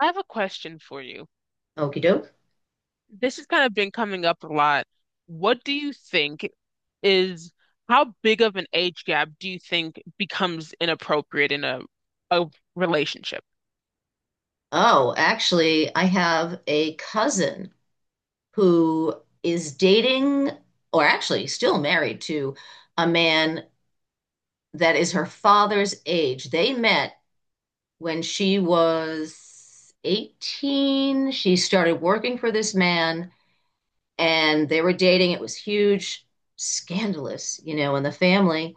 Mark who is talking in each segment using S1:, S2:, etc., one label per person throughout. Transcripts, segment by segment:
S1: I have a question for you.
S2: Okie doke.
S1: This has kind of been coming up a lot. What do you think, is how big of an age gap do you think becomes inappropriate in a relationship?
S2: Oh, actually, I have a cousin who is dating, or actually still married to, a man that is her father's age. They met when she was 18. She started working for this man, and they were dating. It was huge, scandalous, you know, in the family.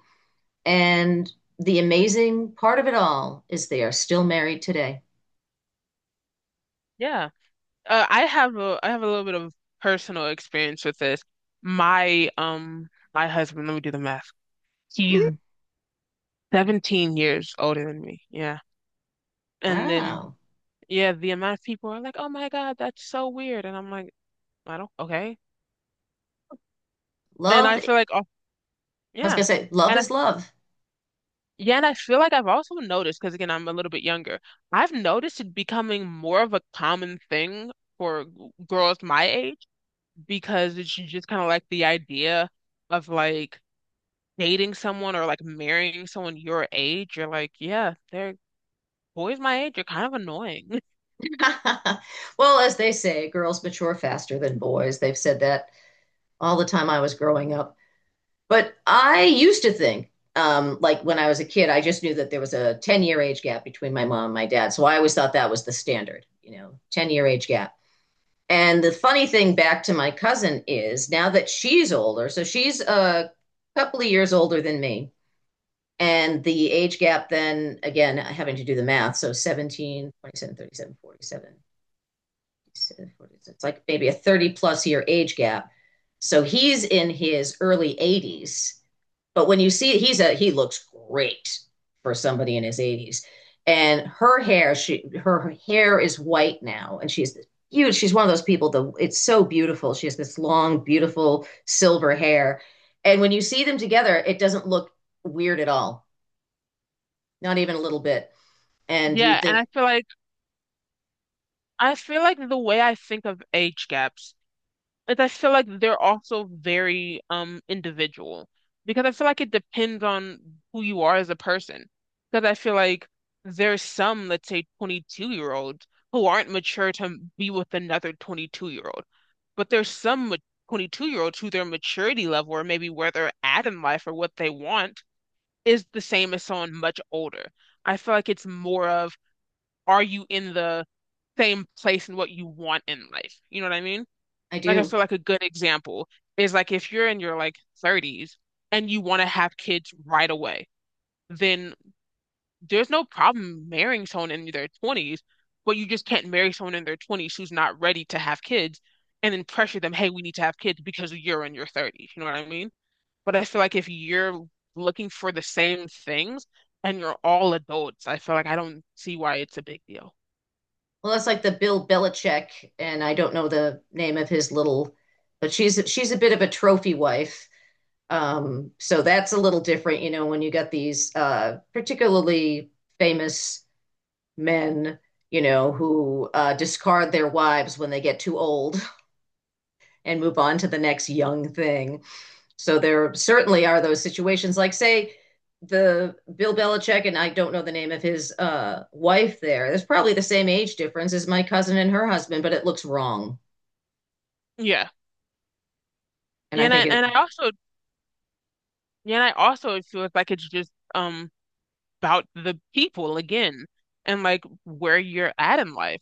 S2: And the amazing part of it all is they are still married today.
S1: Yeah. I have a little bit of personal experience with this. My um my husband, let me do the math. He's 17 years older than me. Yeah. And then
S2: Wow.
S1: yeah, the amount of people are like, "Oh my God, that's so weird." And I'm like, "I don't okay." And
S2: Love
S1: I feel like, "Oh,
S2: I was
S1: yeah."
S2: gonna say, love
S1: And I
S2: is love.
S1: Yeah, and I feel like I've also noticed, because again, I'm a little bit younger, I've noticed it becoming more of a common thing for girls my age because it's just kind of like the idea of like dating someone or like marrying someone your age. You're like, yeah, they're boys my age are kind of annoying.
S2: Well, as they say, girls mature faster than boys. They've said that all the time I was growing up. But I used to think, like when I was a kid, I just knew that there was a 10-year age gap between my mom and my dad. So I always thought that was the standard, you know, 10-year age gap. And the funny thing back to my cousin is now that she's older, so she's a couple of years older than me. And the age gap then, again, having to do the math, so 17, 27, 37, 47. It's like maybe a 30 plus year age gap. So he's in his early 80s, but when you see he looks great for somebody in his 80s. And her hair, she her hair is white now, and she's huge. She's one of those people that it's so beautiful. She has this long, beautiful silver hair. And when you see them together, it doesn't look weird at all, not even a little bit. And you'd
S1: Yeah, and
S2: think,
S1: I feel like the way I think of age gaps. But I feel like they're also very individual because I feel like it depends on who you are as a person. Because I feel like there's some, let's say, 22-year-olds who aren't mature to be with another 22-year-old, but there's some 22-year-olds who their maturity level or maybe where they're at in life or what they want is the same as someone much older. I feel like it's more of, are you in the same place in what you want in life? You know what I mean?
S2: I
S1: Like, I
S2: do.
S1: feel like a good example is like if you're in your like 30s and you want to have kids right away, then there's no problem marrying someone in their 20s, but you just can't marry someone in their 20s who's not ready to have kids and then pressure them, hey, we need to have kids because you're in your 30s. You know what I mean? But I feel like if you're looking for the same things and you're all adults, I feel like I don't see why it's a big deal.
S2: Well, that's like the Bill Belichick, and I don't know the name of his little, but she's a bit of a trophy wife. So that's a little different, you know, when you got these particularly famous men, you know, who discard their wives when they get too old and move on to the next young thing. So there certainly are those situations, like say the Bill Belichick, and I don't know the name of his wife. There's probably the same age difference as my cousin and her husband, but it looks wrong,
S1: Yeah.
S2: and I
S1: And I
S2: think
S1: and
S2: it.
S1: I also yeah, and I also feel like it's just about the people again and like where you're at in life.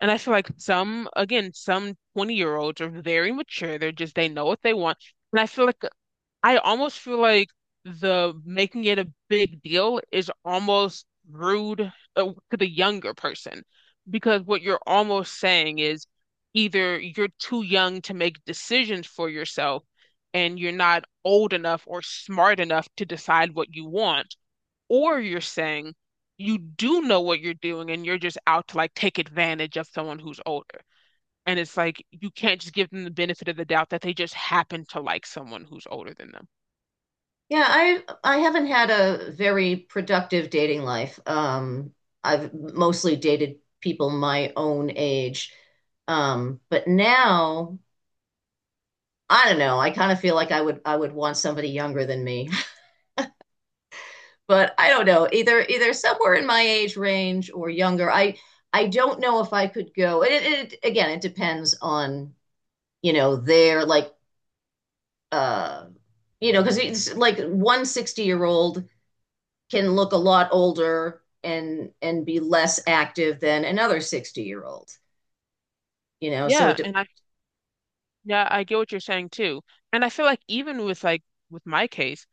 S1: And I feel like some, again, some 20-year-olds are very mature. They're just, they know what they want. And I feel like I almost feel like the making it a big deal is almost rude to the younger person because what you're almost saying is either you're too young to make decisions for yourself and you're not old enough or smart enough to decide what you want, or you're saying you do know what you're doing and you're just out to like take advantage of someone who's older. And it's like you can't just give them the benefit of the doubt that they just happen to like someone who's older than them.
S2: Yeah, I haven't had a very productive dating life. I've mostly dated people my own age, but now I don't know. I kind of feel like I would want somebody younger than me. But I don't know, either either somewhere in my age range or younger. I don't know if I could go. It again, it depends on, you know, their like, uh you know, because it's like 160 year old can look a lot older and be less active than another 60-year-old. You know, so
S1: Yeah,
S2: it.
S1: I get what you're saying too. And I feel like even with like with my case,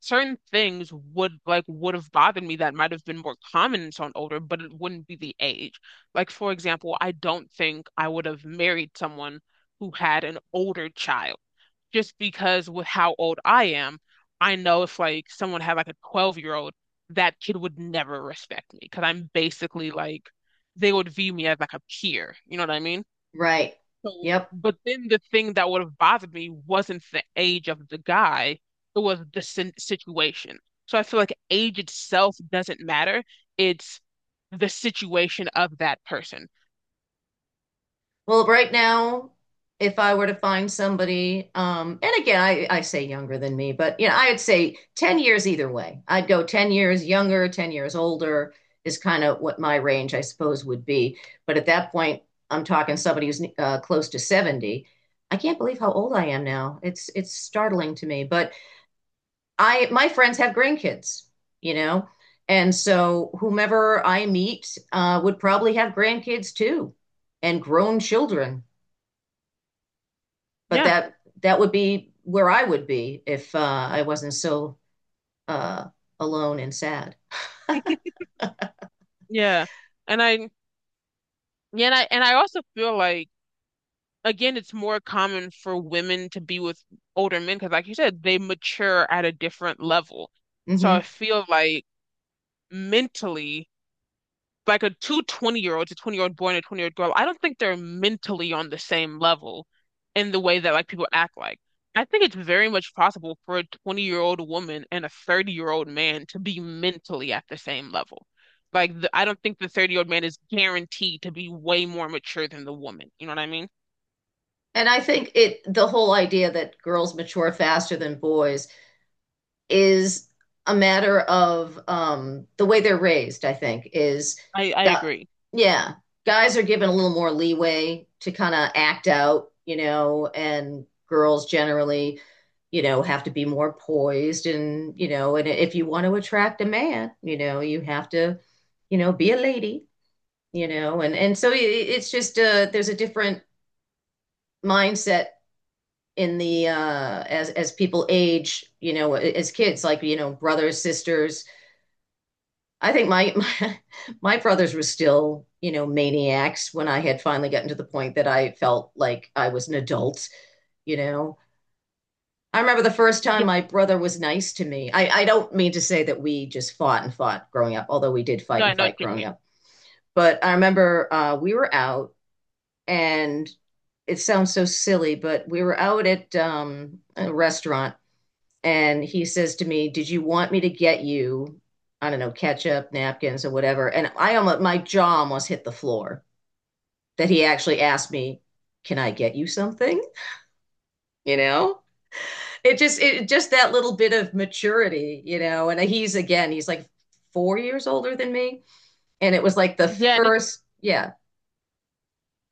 S1: certain things would have bothered me that might have been more common in someone older, but it wouldn't be the age. Like for example, I don't think I would have married someone who had an older child just because with how old I am, I know if like someone had like a 12-year-old, that kid would never respect me because I'm basically like they would view me as like a peer. You know what I mean?
S2: Right.
S1: So,
S2: Yep.
S1: but then the thing that would have bothered me wasn't the age of the guy, it was the sin situation. So I feel like age itself doesn't matter. It's the situation of that person.
S2: Well, right now, if I were to find somebody, and again, I say younger than me, but you know, I'd say 10 years either way. I'd go 10 years younger, 10 years older is kind of what my range, I suppose, would be. But at that point, I'm talking somebody who's close to 70. I can't believe how old I am now. It's startling to me, but I my friends have grandkids, you know, and so whomever I meet would probably have grandkids too and grown children, but
S1: Yeah,
S2: that would be where I would be if I wasn't so, uh, alone and sad.
S1: yeah. And I and I also feel like again, it's more common for women to be with older men because, like you said, they mature at a different level. So I
S2: Hmm.
S1: feel like mentally, like a 20-year-old boy and a 20-year-old girl, I don't think they're mentally on the same level in the way that like people act like. I think it's very much possible for a 20-year-old woman and a 30-year-old man to be mentally at the same level. Like, I don't think the 30-year-old man is guaranteed to be way more mature than the woman. You know what I mean?
S2: And I think it, the whole idea that girls mature faster than boys is a matter of the way they're raised, I think, is
S1: I
S2: that,
S1: agree.
S2: yeah, guys are given a little more leeway to kind of act out, you know, and girls generally, you know, have to be more poised. And, you know, and if you want to attract a man, you know, you have to, you know, be a lady, you know. And, so it's just, there's a different mindset in the as people age, you know, as kids, like, you know, brothers, sisters. I think my, my brothers were still, you know, maniacs when I had finally gotten to the point that I felt like I was an adult, you know. I remember the first time
S1: Yeah.
S2: my brother was nice to me. I don't mean to say that we just fought and fought growing up, although we did
S1: No,
S2: fight
S1: I
S2: and
S1: know what
S2: fight
S1: you
S2: growing
S1: mean.
S2: up. But I remember, we were out, and it sounds so silly, but we were out at a restaurant, and he says to me, "Did you want me to get you, I don't know, ketchup, napkins, or whatever?" And I almost, my jaw almost hit the floor that he actually asked me, "Can I get you something?" You know, it just that little bit of maturity, you know. And he's, again, he's like 4 years older than me, and it was like the
S1: Yeah,
S2: first, yeah.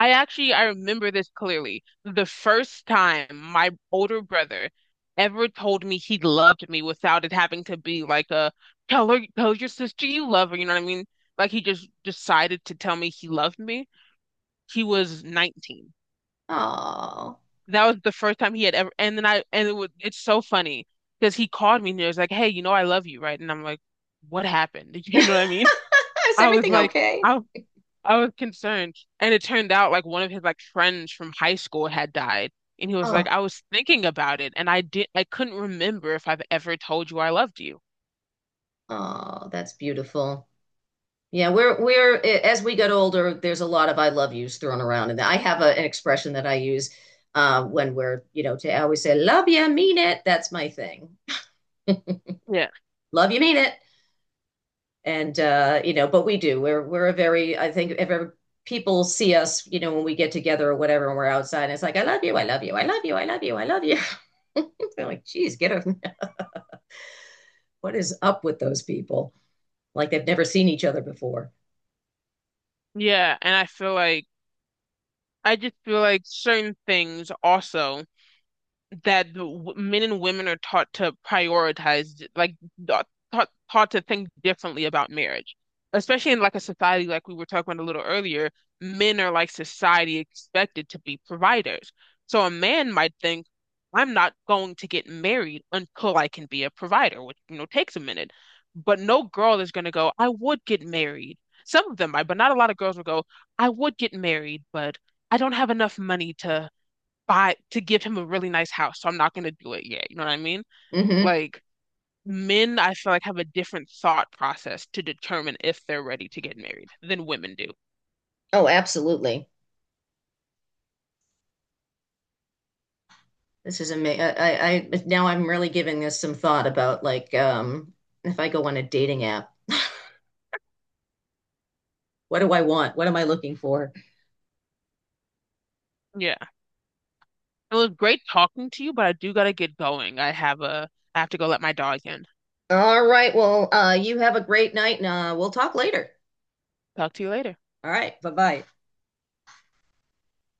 S1: I actually I remember this clearly. The first time my older brother ever told me he loved me without it having to be like a tell your sister you love her, you know what I mean? Like he just decided to tell me he loved me. He was 19.
S2: Oh,
S1: That was the first time he had ever. And then I and it was it's so funny because he called me and he was like, "Hey, you know I love you, right?" And I'm like, "What happened?" You
S2: is
S1: know what I mean? I was
S2: everything
S1: like,
S2: okay?
S1: I I was concerned. And it turned out like one of his like friends from high school had died. And he was
S2: Oh,
S1: like, I was thinking about it and I couldn't remember if I've ever told you I loved you.
S2: oh, that's beautiful. Yeah, we're as we get older, there's a lot of I love yous thrown around, and I have a, an expression that I use when we're, you know, to, I always say love you, mean it. That's my thing.
S1: Yeah.
S2: Love you, mean it, and, you know, but we do. We're a very, I think if ever people see us, you know, when we get together or whatever, and we're outside, and it's like I love you, I love you, I love you, I love you, I love you. They're like, geez, get a, what is up with those people? Like they've never seen each other before.
S1: Yeah. And I feel like I just feel like certain things also that men and women are taught to prioritize, like taught taught to think differently about marriage, especially in like a society like we were talking about a little earlier. Men are like society expected to be providers. So a man might think, I'm not going to get married until I can be a provider, which takes a minute. But no girl is going to go, I would get married. Some of them might, but not a lot of girls will go, I would get married, but I don't have enough money to buy to give him a really nice house, so I'm not gonna do it yet. You know what I mean?
S2: Hmm.
S1: Like men, I feel like have a different thought process to determine if they're ready to get married than women do.
S2: Oh, absolutely. This is amazing. Now I'm really giving this some thought about, like, if I go on a dating app, what do I want? What am I looking for?
S1: Yeah. It was great talking to you, but I do gotta get going. I have to go let my dog in.
S2: All right. Well, you have a great night and we'll talk later.
S1: Talk to you later.
S2: All right. Bye-bye.